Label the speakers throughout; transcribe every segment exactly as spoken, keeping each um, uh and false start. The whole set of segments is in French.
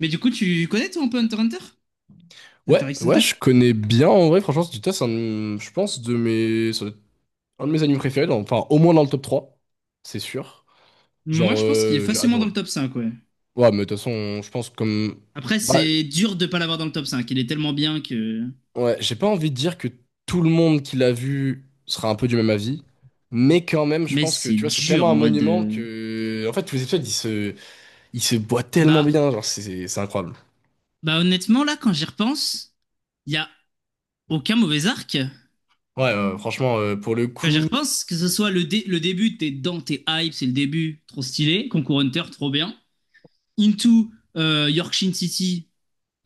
Speaker 1: Mais du coup, tu connais toi un peu Hunter x Hunter? Hunter
Speaker 2: Ouais,
Speaker 1: x
Speaker 2: ouais,
Speaker 1: Hunter?
Speaker 2: je connais bien en vrai, franchement, Studio Toss, c'est un, de- je pense, de mes, ça doit être un de mes animes préférés, dans- enfin, au moins dans le top trois, c'est sûr.
Speaker 1: Moi,
Speaker 2: Genre,
Speaker 1: je pense qu'il est
Speaker 2: euh, j'ai
Speaker 1: facilement dans
Speaker 2: adoré.
Speaker 1: le top cinq, ouais.
Speaker 2: Ouais, mais de toute façon, je pense comme.
Speaker 1: Après,
Speaker 2: Bah,
Speaker 1: c'est dur de pas l'avoir dans le top cinq. Il est tellement bien que.
Speaker 2: ouais, j'ai pas envie de dire que tout le monde qui l'a vu sera un peu du même avis, mais quand même, je
Speaker 1: Mais
Speaker 2: pense que,
Speaker 1: c'est
Speaker 2: tu vois, c'est
Speaker 1: dur
Speaker 2: tellement un
Speaker 1: en vrai
Speaker 2: monument
Speaker 1: de.
Speaker 2: que. En fait, tous les épisodes, ils se, ils se boivent tellement
Speaker 1: Bah,
Speaker 2: bien, genre, c'est c'est- c'est incroyable.
Speaker 1: bah honnêtement, là, quand j'y repense, il y a aucun mauvais arc.
Speaker 2: Ouais, euh, franchement, euh, pour le
Speaker 1: Quand j'y
Speaker 2: coup,
Speaker 1: repense, que ce soit le, dé- le début, t'es dans, t'es hype, c'est le début, trop stylé. Concours Hunter, trop bien. Into euh, Yorkshire City.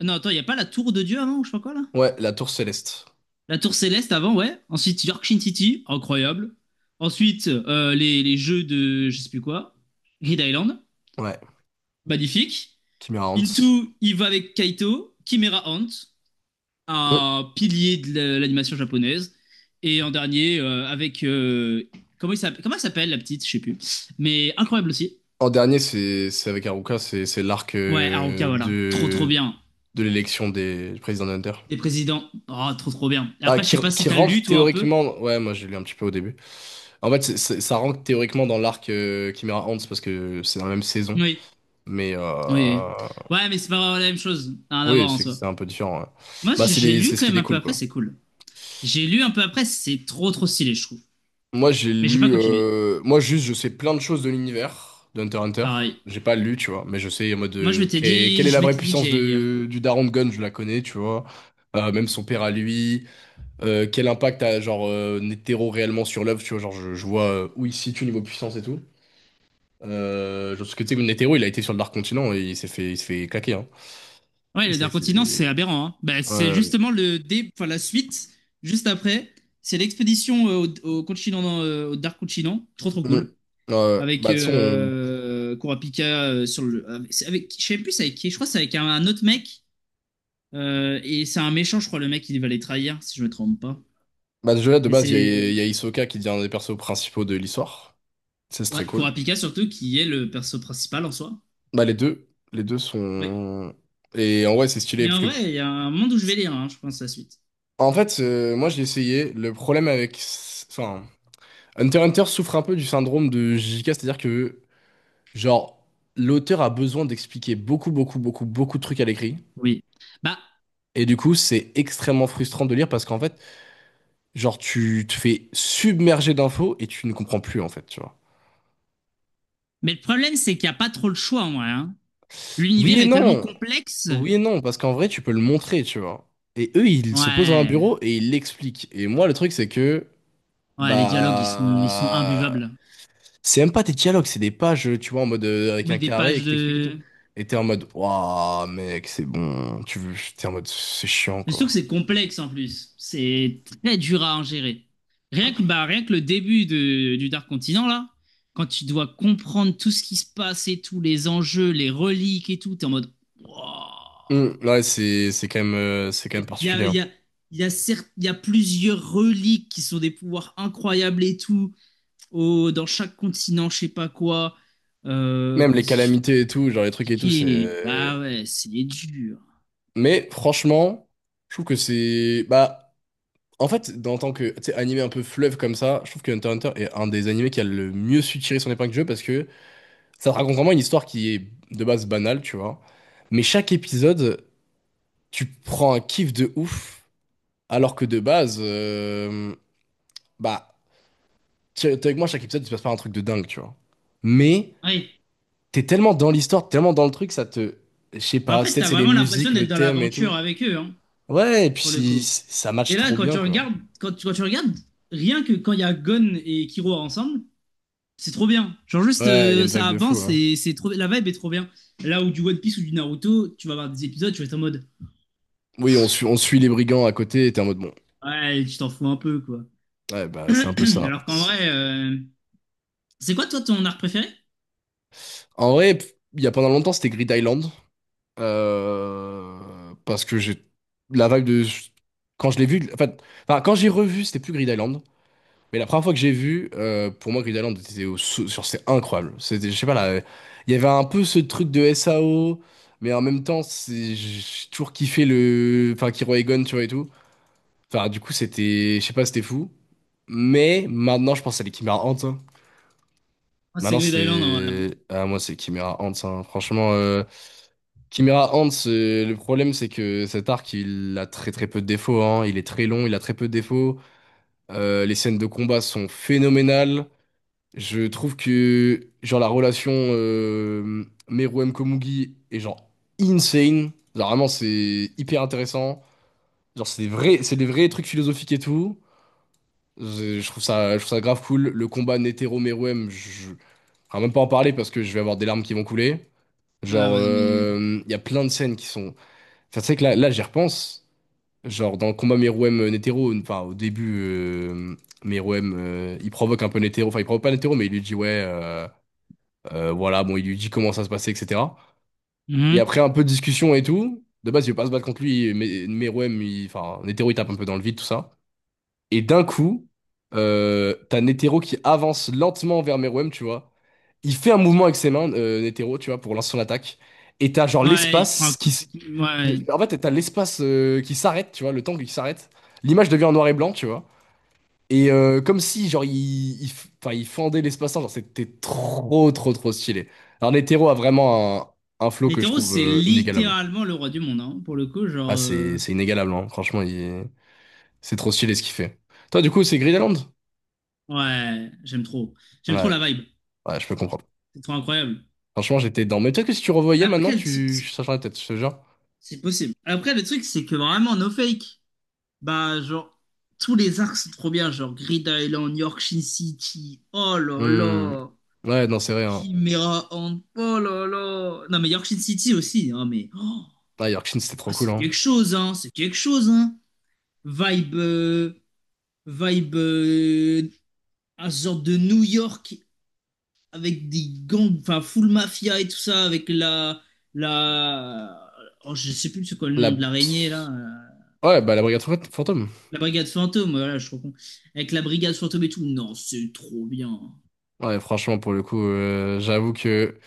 Speaker 1: Non, attends, il n'y a pas la tour de Dieu avant, ou je sais pas quoi là?
Speaker 2: ouais, la Tour Céleste.
Speaker 1: La Tour Céleste avant, ouais. Ensuite, York Shin City, incroyable. Ensuite, euh, les, les jeux de je sais plus quoi. Grid Island,
Speaker 2: Ouais,
Speaker 1: magnifique.
Speaker 2: Kimira Hans.
Speaker 1: Into, il va avec Kaito. Chimera Hunt, un pilier de la- l'animation japonaise. Et en dernier, euh, avec. euh, comment, il s'appelle, comment elle s'appelle la petite. Je sais plus. Mais incroyable aussi.
Speaker 2: En dernier, c'est c'est avec Haruka, c'est c'est l'arc
Speaker 1: Ouais, Haruka,
Speaker 2: euh,
Speaker 1: voilà. Trop, trop
Speaker 2: de
Speaker 1: bien.
Speaker 2: de l'élection des du président Hunter.
Speaker 1: Des présidents. Oh, trop, trop bien. Et
Speaker 2: Ah,
Speaker 1: après, je
Speaker 2: qui,
Speaker 1: sais pas si
Speaker 2: qui
Speaker 1: t'as lu,
Speaker 2: rentre
Speaker 1: toi, un peu.
Speaker 2: théoriquement. Ouais, moi j'ai lu un petit peu au début. En fait, c'est- c'est- ça rentre théoriquement dans l'arc euh, Chimera Ants parce que c'est dans la même saison.
Speaker 1: Oui.
Speaker 2: Mais
Speaker 1: Oui. Oui.
Speaker 2: euh,
Speaker 1: Ouais, mais c'est pas la même chose. Rien à
Speaker 2: oui,
Speaker 1: voir en
Speaker 2: c'est
Speaker 1: soi.
Speaker 2: c'est un peu différent. Ouais.
Speaker 1: Moi,
Speaker 2: Bah,
Speaker 1: j'ai
Speaker 2: c'est
Speaker 1: j'ai
Speaker 2: les-
Speaker 1: lu
Speaker 2: c'est ce
Speaker 1: quand
Speaker 2: qui
Speaker 1: même un peu
Speaker 2: découle,
Speaker 1: après,
Speaker 2: quoi.
Speaker 1: c'est cool. J'ai lu un peu après, c'est trop trop stylé, je trouve.
Speaker 2: Moi, j'ai
Speaker 1: Mais j'ai pas
Speaker 2: lu.
Speaker 1: continué.
Speaker 2: euh, Moi, juste, je sais plein de choses de l'univers d'Hunter x Hunter.
Speaker 1: Pareil.
Speaker 2: J'ai pas lu, tu vois, mais je sais en mode.
Speaker 1: Moi, je
Speaker 2: euh,
Speaker 1: m'étais
Speaker 2: que- quelle
Speaker 1: dit,
Speaker 2: est
Speaker 1: je
Speaker 2: la vraie
Speaker 1: m'étais dit que
Speaker 2: puissance
Speaker 1: j'allais lire,
Speaker 2: de...
Speaker 1: quoi.
Speaker 2: du Daron de Gon, je la connais, tu vois. Euh, même son père à lui. Euh, quel impact a, genre, euh, Netero réellement sur l'œuvre, tu vois. Genre, je, je vois euh, où il se situe niveau puissance et tout. Euh, genre, parce que, tu sais, Netero, il a été sur le Dark Continent et il s'est fait, il s'est fait claquer, hein.
Speaker 1: Ouais,
Speaker 2: Il
Speaker 1: le
Speaker 2: s'est
Speaker 1: Dark Continent, c'est
Speaker 2: fait.
Speaker 1: aberrant, hein. Bah, c'est
Speaker 2: Euh...
Speaker 1: justement le dé, enfin, la suite, juste après. C'est l'expédition euh, au, au continent, euh, au Dark Continent. Trop trop
Speaker 2: mm,
Speaker 1: cool.
Speaker 2: euh,
Speaker 1: Avec
Speaker 2: Bah, de son.
Speaker 1: euh, Kurapika euh, sur le. Avec, c'est avec- je sais plus c'est avec qui. Je crois que c'est avec un, un autre mec. Euh, et c'est un méchant, je crois, le mec, il va les trahir, si je me trompe pas.
Speaker 2: Bah, déjà, de
Speaker 1: Mais
Speaker 2: base, il y a, il
Speaker 1: c'est.
Speaker 2: y a Hisoka qui devient un des persos principaux de l'histoire. Ça, c'est
Speaker 1: Ouais,
Speaker 2: très cool.
Speaker 1: Kurapika surtout, qui est le perso principal en soi.
Speaker 2: Bah les deux, les deux
Speaker 1: Oui.
Speaker 2: sont... Et en vrai, c'est stylé,
Speaker 1: Mais
Speaker 2: parce
Speaker 1: en
Speaker 2: que...
Speaker 1: vrai, il y a un monde où je vais lire, hein, je pense, la suite.
Speaker 2: En fait, euh, moi, j'ai essayé. Le problème avec... Enfin, Hunter x Hunter souffre un peu du syndrome de J K, c'est-à-dire que, genre, l'auteur a besoin d'expliquer beaucoup, beaucoup, beaucoup, beaucoup de trucs à l'écrit.
Speaker 1: Oui. Bah,
Speaker 2: Et du coup, c'est extrêmement frustrant de lire parce qu'en fait, genre, tu te fais submerger d'infos et tu ne comprends plus, en fait, tu vois.
Speaker 1: mais le problème, c'est qu'il n'y a pas trop le choix en vrai, hein.
Speaker 2: Oui
Speaker 1: L'univers
Speaker 2: et
Speaker 1: est tellement
Speaker 2: non!
Speaker 1: complexe.
Speaker 2: Oui et non, parce qu'en vrai, tu peux le montrer, tu vois. Et eux, ils se posent à un
Speaker 1: Ouais.
Speaker 2: bureau et ils l'expliquent. Et moi, le truc, c'est que...
Speaker 1: Ouais, les dialogues, ils sont, ils sont
Speaker 2: Bah,
Speaker 1: imbuvables.
Speaker 2: c'est même pas des dialogues, c'est des pages, tu vois, en mode euh, avec
Speaker 1: Oui,
Speaker 2: un
Speaker 1: des
Speaker 2: carré et
Speaker 1: pages
Speaker 2: qui t'explique et tout.
Speaker 1: de...
Speaker 2: Et t'es en mode, waouh, mec, c'est bon. Tu veux, t'es en mode, c'est chiant,
Speaker 1: Mais surtout
Speaker 2: quoi.
Speaker 1: que c'est complexe en plus. C'est très dur à ingérer. Rien que, bah, rien que le début de, du Dark Continent, là, quand tu dois comprendre tout ce qui se passe et tout, les enjeux, les reliques et tout, t'es en mode. Wow.
Speaker 2: Hum, ouais, c'est, c'est quand même, euh, c'est quand même
Speaker 1: Il y
Speaker 2: particulier,
Speaker 1: a, il
Speaker 2: hein.
Speaker 1: y a, il y a certes- il y a plusieurs reliques qui sont des pouvoirs incroyables et tout, au- dans chaque continent, je sais pas quoi. Euh,
Speaker 2: Même les
Speaker 1: vas-y, je vais
Speaker 2: calamités et tout, genre les trucs et tout,
Speaker 1: expliquer.
Speaker 2: c'est.
Speaker 1: Bah ouais, c'est dur.
Speaker 2: Mais franchement, je trouve que c'est, bah, en fait, en tant que, tu sais, animé un peu fleuve comme ça, je trouve que Hunter x Hunter est un des animés qui a le mieux su tirer son épingle du jeu parce que ça te raconte vraiment une histoire qui est de base banale, tu vois. Mais chaque épisode, tu prends un kiff de ouf, alors que de base, euh, bah, t'es t'es avec moi, chaque épisode, tu passes pas un truc de dingue, tu vois. Mais
Speaker 1: Ouais.
Speaker 2: t'es tellement dans l'histoire, t'es tellement dans le truc, ça te... Je sais
Speaker 1: Bah en
Speaker 2: pas,
Speaker 1: fait,
Speaker 2: peut-être
Speaker 1: t'as
Speaker 2: c'est les
Speaker 1: vraiment l'impression
Speaker 2: musiques,
Speaker 1: d'être
Speaker 2: le
Speaker 1: dans
Speaker 2: thème et tout.
Speaker 1: l'aventure avec eux, hein,
Speaker 2: Ouais, et puis
Speaker 1: pour le
Speaker 2: si-
Speaker 1: coup.
Speaker 2: si, ça match
Speaker 1: Et là,
Speaker 2: trop
Speaker 1: quand tu
Speaker 2: bien, quoi.
Speaker 1: regardes, quand tu, quand tu regardes, rien que quand il y a Gon et Killua ensemble, c'est trop bien. Genre juste
Speaker 2: Ouais, il y a
Speaker 1: euh,
Speaker 2: une vibe
Speaker 1: ça
Speaker 2: de fou,
Speaker 1: avance
Speaker 2: hein.
Speaker 1: et c'est trop, la vibe est trop bien. Là où du One Piece ou du Naruto, tu vas voir des épisodes, tu vas être en mode
Speaker 2: Oui, on suit, on suit les brigands à côté, et t'es en mode, bon,
Speaker 1: ouais, tu t'en fous un peu quoi.
Speaker 2: ouais, bah, c'est un peu ça.
Speaker 1: Alors qu'en vrai, euh, c'est quoi toi ton art préféré?
Speaker 2: En vrai, il y a pendant longtemps, c'était Grid Island. Euh, parce que j'ai la vibe de quand je l'ai vu, en fait, enfin quand j'ai revu c'était plus Grid Island. Mais la première fois que j'ai vu, euh, pour moi, Grid Island était au sou- sur c'est incroyable, c'était, je sais pas là, il y avait un peu ce truc de S A O, mais en même temps c'est, j'ai toujours kiffé le, enfin, Kiro Egon, tu vois, et tout. Enfin du coup c'était, je sais pas, c'était fou. Mais maintenant je pense à les Chimera Ants, hein.
Speaker 1: Ah, c'est
Speaker 2: Maintenant
Speaker 1: Grid Island en vrai, hein.
Speaker 2: c'est ah moi c'est Chimera Ants, hein. Franchement, euh, Chimera Ant, c'est- le problème, c'est que cet arc, il a très très peu de défauts, hein. Il est très long, il a très peu de défauts. Euh, les scènes de combat sont phénoménales. Je trouve que genre la relation euh, Meruem Komugi est genre insane. Genre vraiment, c'est hyper intéressant. Genre c'est des vrais, c'est des vrais trucs philosophiques et tout. Je, je trouve ça, je trouve ça grave cool. Le combat Netero Meruem, je, je vais même pas en parler parce que je vais avoir des larmes qui vont couler.
Speaker 1: Ah
Speaker 2: Genre,
Speaker 1: ouais, non mais.
Speaker 2: euh, il y a plein de scènes qui sont. Enfin, c'est vrai que là, là j'y repense. Genre, dans le combat Meruem-Netero, enfin, au début, euh, Meruem, euh, il provoque un peu Netero. Enfin, il provoque pas Netero, mais il lui dit, ouais, euh, euh, voilà, bon, il lui dit comment ça se passait, et cetera. Et
Speaker 1: Mhm.
Speaker 2: après, un peu de discussion et tout. De base, il veut pas se battre contre lui, mais Meruem, il- enfin, Netero, il tape un peu dans le vide, tout ça. Et d'un coup, euh, t'as Netero qui avance lentement vers Meruem, tu vois. Il fait un mouvement avec ses mains, euh, Netero, tu vois, pour lancer son attaque. Et t'as genre
Speaker 1: Ouais, il prend un
Speaker 2: l'espace qui...
Speaker 1: coup
Speaker 2: s-
Speaker 1: de... ouais.
Speaker 2: En fait, t'as l'espace euh, qui s'arrête, tu vois, le temps qui s'arrête. L'image devient en noir et blanc, tu vois. Et euh, comme si, genre, il, il, f- enfin, il fendait l'espace-temps, genre, c'était trop, trop, trop stylé. Alors, Netero a vraiment un, un flow que je
Speaker 1: Netero,
Speaker 2: trouve
Speaker 1: c'est
Speaker 2: euh, inégalable.
Speaker 1: littéralement le roi du monde, hein, pour le coup,
Speaker 2: Ah,
Speaker 1: genre euh,
Speaker 2: c'est c'est inégalable, hein. Franchement, il- c'est trop stylé ce qu'il fait. Toi, du coup, c'est Gridaland?
Speaker 1: ouais, j'aime trop. J'aime trop
Speaker 2: Ouais.
Speaker 1: la vibe.
Speaker 2: Ouais, je peux comprendre.
Speaker 1: C'est trop incroyable.
Speaker 2: Franchement, j'étais dedans. Mais peut-être que si tu revoyais
Speaker 1: Après
Speaker 2: maintenant,
Speaker 1: le truc
Speaker 2: tu
Speaker 1: c'est
Speaker 2: changerais la tête, je te jure.
Speaker 1: c'est possible. Après le truc c'est que vraiment no fake. Bah, genre, tous les arcs sont trop bien, genre Grid Island, York Shin City, oh là
Speaker 2: Hmm.
Speaker 1: là,
Speaker 2: Ouais, non, c'est vrai, hein.
Speaker 1: Chimera Ant, oh là là. Non, mais York Shin City aussi, hein, mais oh,
Speaker 2: Ah, Yorkshin, c'était trop
Speaker 1: ah,
Speaker 2: cool,
Speaker 1: c'est
Speaker 2: hein.
Speaker 1: quelque chose, hein, c'est quelque chose, hein. Vibe, euh, vibe, euh, un genre de New York avec des gangs, enfin, full mafia et tout ça, avec la, la, oh, je sais plus c'est quoi le nom de
Speaker 2: La...
Speaker 1: l'araignée, là. euh,
Speaker 2: Ouais, bah la brigade fant- fantôme.
Speaker 1: La brigade fantôme, voilà, je suis trop con. Avec la brigade fantôme et tout, non, c'est trop bien.
Speaker 2: Ouais, franchement, pour le coup, euh, j'avoue que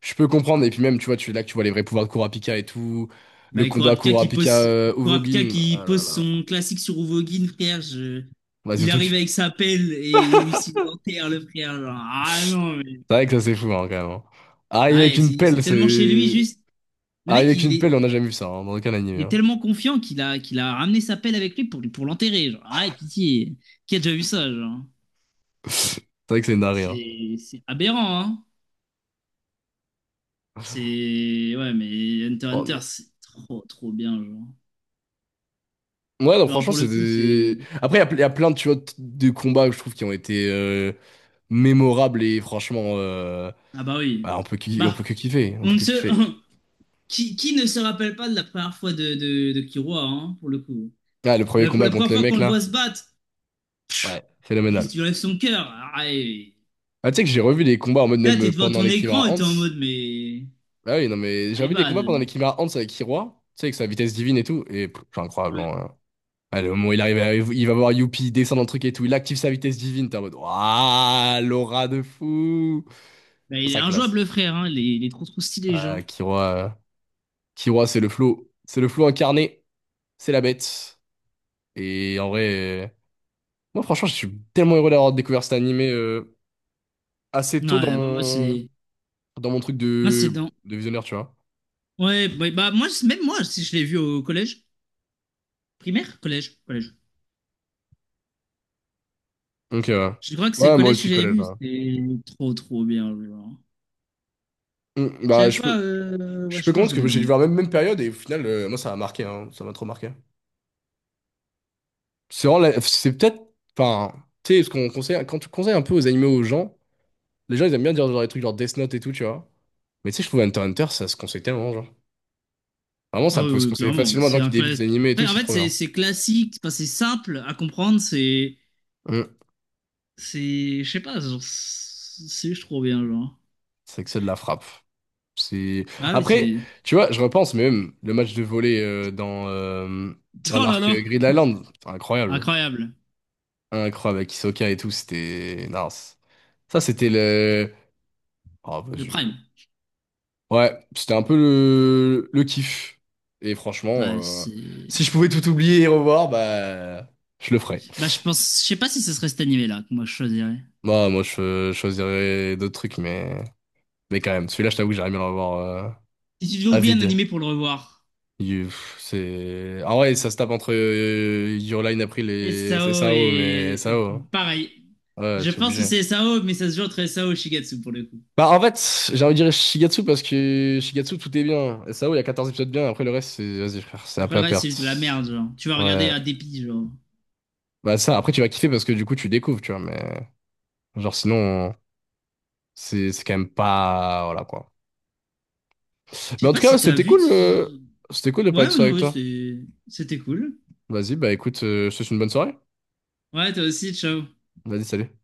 Speaker 2: je peux comprendre. Et puis même, tu vois, tu là que tu vois les vrais pouvoirs de Kurapika et tout. Le
Speaker 1: Bah,
Speaker 2: combat
Speaker 1: Kurapika qui
Speaker 2: Kurapika
Speaker 1: pose,
Speaker 2: euh,
Speaker 1: Kurapika
Speaker 2: Uvogin.
Speaker 1: qui
Speaker 2: Ah là
Speaker 1: pose
Speaker 2: là.
Speaker 1: son classique sur Uvogin, frère, je...
Speaker 2: Bah,
Speaker 1: il
Speaker 2: surtout que...
Speaker 1: arrive avec sa pelle et il s'il l'enterre, le frère. Genre, ah
Speaker 2: C'est
Speaker 1: non, mais...
Speaker 2: vrai que ça, c'est fou, hein, quand même, hein.
Speaker 1: Ah
Speaker 2: Arriver avec
Speaker 1: ouais,
Speaker 2: une
Speaker 1: c'est c'est
Speaker 2: pelle,
Speaker 1: tellement chez lui,
Speaker 2: c'est...
Speaker 1: juste. Le
Speaker 2: Arriver
Speaker 1: mec,
Speaker 2: avec
Speaker 1: il
Speaker 2: une
Speaker 1: est,
Speaker 2: pelle, on n'a jamais vu ça, hein, dans aucun anime,
Speaker 1: il est
Speaker 2: hein.
Speaker 1: tellement confiant, qu'il a, qu'il a ramené sa pelle avec lui pour, lui- pour l'enterrer. Genre, ah, ouais, pitié. Qui a déjà vu ça, genre?
Speaker 2: C'est vrai que c'est une dinguerie, hein.
Speaker 1: C'est c'est aberrant, hein? C'est... Ouais, mais Hunter
Speaker 2: Oh
Speaker 1: x Hunter,
Speaker 2: non.
Speaker 1: c'est trop, trop bien, genre.
Speaker 2: Ouais, non,
Speaker 1: Genre,
Speaker 2: franchement,
Speaker 1: pour
Speaker 2: c'est
Speaker 1: le coup,
Speaker 2: des...
Speaker 1: c'est...
Speaker 2: Après, il y, a ple- y a plein de, tu vois, t- de combats que je trouve qui ont été euh, mémorables et franchement, euh,
Speaker 1: Ah bah oui.
Speaker 2: bah, on peut, ki- on peut
Speaker 1: Bah,
Speaker 2: que kiffer. On
Speaker 1: on
Speaker 2: peut
Speaker 1: ne
Speaker 2: que
Speaker 1: se...
Speaker 2: kiffer.
Speaker 1: qui, qui ne se rappelle pas de la première fois de, de, de Kiroa, hein, pour le coup?
Speaker 2: Ah, le premier
Speaker 1: La, pour
Speaker 2: combat
Speaker 1: la
Speaker 2: contre
Speaker 1: première
Speaker 2: le
Speaker 1: fois qu'on
Speaker 2: mec,
Speaker 1: le voit
Speaker 2: là.
Speaker 1: se battre,
Speaker 2: Ouais.
Speaker 1: juste,
Speaker 2: Phénoménal.
Speaker 1: il enlève son cœur. Ah, et-
Speaker 2: Ah, tu sais que j'ai revu des combats en mode
Speaker 1: Là,
Speaker 2: même
Speaker 1: t'es
Speaker 2: euh,
Speaker 1: devant
Speaker 2: pendant
Speaker 1: ton
Speaker 2: les
Speaker 1: écran
Speaker 2: Kimura
Speaker 1: et
Speaker 2: Ants.
Speaker 1: t'es en mode, mais...
Speaker 2: Ah oui, non, mais j'ai
Speaker 1: My
Speaker 2: revu des combats pendant les
Speaker 1: bad.
Speaker 2: Kimura Ants avec Hiroa. Tu sais, avec sa vitesse divine et tout. Et pff, c'est incroyable,
Speaker 1: Ouais.
Speaker 2: hein. Ah, le moment où il arrive, à- il va voir Youpi, il descend dans le truc et tout. Il active sa vitesse divine. T'es en mode, waouh, l'aura de fou.
Speaker 1: Bah, il est
Speaker 2: Ça
Speaker 1: injouable,
Speaker 2: classe.
Speaker 1: le frère, hein. Il est, il est trop, trop stylé,
Speaker 2: Ah,
Speaker 1: genre.
Speaker 2: Kiroa. Killua, c'est le flow. C'est le flow incarné. C'est la bête. Et en vrai, euh, moi, franchement, je suis tellement heureux d'avoir découvert cet animé euh, assez tôt dans
Speaker 1: Ouais, bah, moi,
Speaker 2: mon,
Speaker 1: c'est...
Speaker 2: dans mon truc
Speaker 1: Moi, c'est
Speaker 2: de,
Speaker 1: dans...
Speaker 2: de visionnaire, tu vois.
Speaker 1: Ouais, bah, bah, moi, c'est- même moi, si je l'ai vu au collège. Primaire? Collège. Collège.
Speaker 2: Donc, euh,
Speaker 1: Je crois que c'est le
Speaker 2: ouais, moi
Speaker 1: collège que
Speaker 2: aussi,
Speaker 1: j'avais
Speaker 2: collège,
Speaker 1: vu.
Speaker 2: là.
Speaker 1: C'était trop, trop bien, genre.
Speaker 2: Mm,
Speaker 1: Je sais
Speaker 2: bah,
Speaker 1: même
Speaker 2: je peux,
Speaker 1: pas, euh, ouais,
Speaker 2: je peux
Speaker 1: je pense
Speaker 2: comprendre
Speaker 1: que
Speaker 2: parce
Speaker 1: je le mets
Speaker 2: que
Speaker 1: dans
Speaker 2: j'ai vu
Speaker 1: mon.
Speaker 2: la même, même période et au final, euh, moi, ça m'a marqué, hein, ça m'a trop marqué. C'est vraiment la- c'est peut-être, enfin, tu sais, ce qu'on conseille, quand tu conseilles un peu aux animés aux gens, les gens, ils aiment bien dire genre des trucs genre Death Note et tout, tu vois. Mais tu sais, je trouve Hunter x Hunter, ça se conseille tellement, genre. Vraiment,
Speaker 1: Ah
Speaker 2: ça
Speaker 1: oui,
Speaker 2: peut se
Speaker 1: oui,
Speaker 2: conseiller
Speaker 1: clairement.
Speaker 2: facilement à des gens
Speaker 1: C'est
Speaker 2: qui
Speaker 1: un cla-
Speaker 2: débutent les animés et tout,
Speaker 1: Enfin, en
Speaker 2: c'est
Speaker 1: fait,
Speaker 2: trop
Speaker 1: c'est
Speaker 2: bien.
Speaker 1: c'est classique, c'est c'est simple à comprendre, c'est.
Speaker 2: Mm.
Speaker 1: C'est. Je sais pas, genre, c'est juste trop bien, genre.
Speaker 2: C'est que c'est de la frappe. C'est...
Speaker 1: Bah oui,
Speaker 2: Après,
Speaker 1: c'est.
Speaker 2: tu vois, je repense, mais même le match de volley euh, dans, euh, dans
Speaker 1: Oh là
Speaker 2: l'arc
Speaker 1: là!
Speaker 2: euh, Grid Island, c'était incroyable.
Speaker 1: Incroyable!
Speaker 2: Incroyable, avec Hisoka et tout, c'était... Non, c'est- ça, c'était le... Oh, bah,
Speaker 1: Le
Speaker 2: je-
Speaker 1: Prime.
Speaker 2: ouais, c'était un peu le, le kiff. Et
Speaker 1: Ouais,
Speaker 2: franchement, euh, si
Speaker 1: c'est.
Speaker 2: je pouvais tout oublier et revoir, bah, je le ferais.
Speaker 1: Bah, je pense. Je sais pas si ce serait cet animé-là que moi je choisirais.
Speaker 2: Moi, moi, je, je choisirais d'autres trucs, mais... Mais quand même, celui-là, je t'avoue que j'aimerais bien le revoir. euh,
Speaker 1: Si tu devais oublier un
Speaker 2: Avid.
Speaker 1: animé pour le revoir,
Speaker 2: You- pff, c'est... ah ouais, ça se tape entre euh, Your Line April et
Speaker 1: S A O
Speaker 2: S A O, mais
Speaker 1: et. euh,
Speaker 2: S A O, hein.
Speaker 1: Pareil.
Speaker 2: Ouais,
Speaker 1: Je
Speaker 2: c'est
Speaker 1: pense que
Speaker 2: obligé.
Speaker 1: c'est S A O, mais ça se joue entre S A O et Shigatsu pour le coup.
Speaker 2: Bah, en fait, j'ai envie de dire Shigatsu parce que Shigatsu, tout est bien. S A O, il y a quatorze épisodes bien. Après, le reste, c'est... Vas-y, frère, c'est un
Speaker 1: Après
Speaker 2: peu
Speaker 1: le
Speaker 2: à
Speaker 1: reste, c'est juste de la
Speaker 2: perte.
Speaker 1: merde, genre. Tu vas regarder
Speaker 2: Ouais.
Speaker 1: à dépit, genre.
Speaker 2: Bah, ça, après, tu vas kiffer parce que du coup, tu découvres, tu vois. Mais, genre, sinon, c'est c'est quand même pas. Voilà, quoi.
Speaker 1: Je
Speaker 2: Mais
Speaker 1: sais
Speaker 2: en tout
Speaker 1: pas
Speaker 2: cas,
Speaker 1: si t'as
Speaker 2: c'était
Speaker 1: vu. t-
Speaker 2: cool. euh, C'était cool de
Speaker 1: Ouais,
Speaker 2: parler de ça
Speaker 1: non,
Speaker 2: avec
Speaker 1: ouais,
Speaker 2: toi.
Speaker 1: c'est- c'était cool.
Speaker 2: Vas-y, bah, écoute, euh, je te souhaite une bonne soirée.
Speaker 1: Ouais, toi aussi, ciao.
Speaker 2: Vas-y, salut.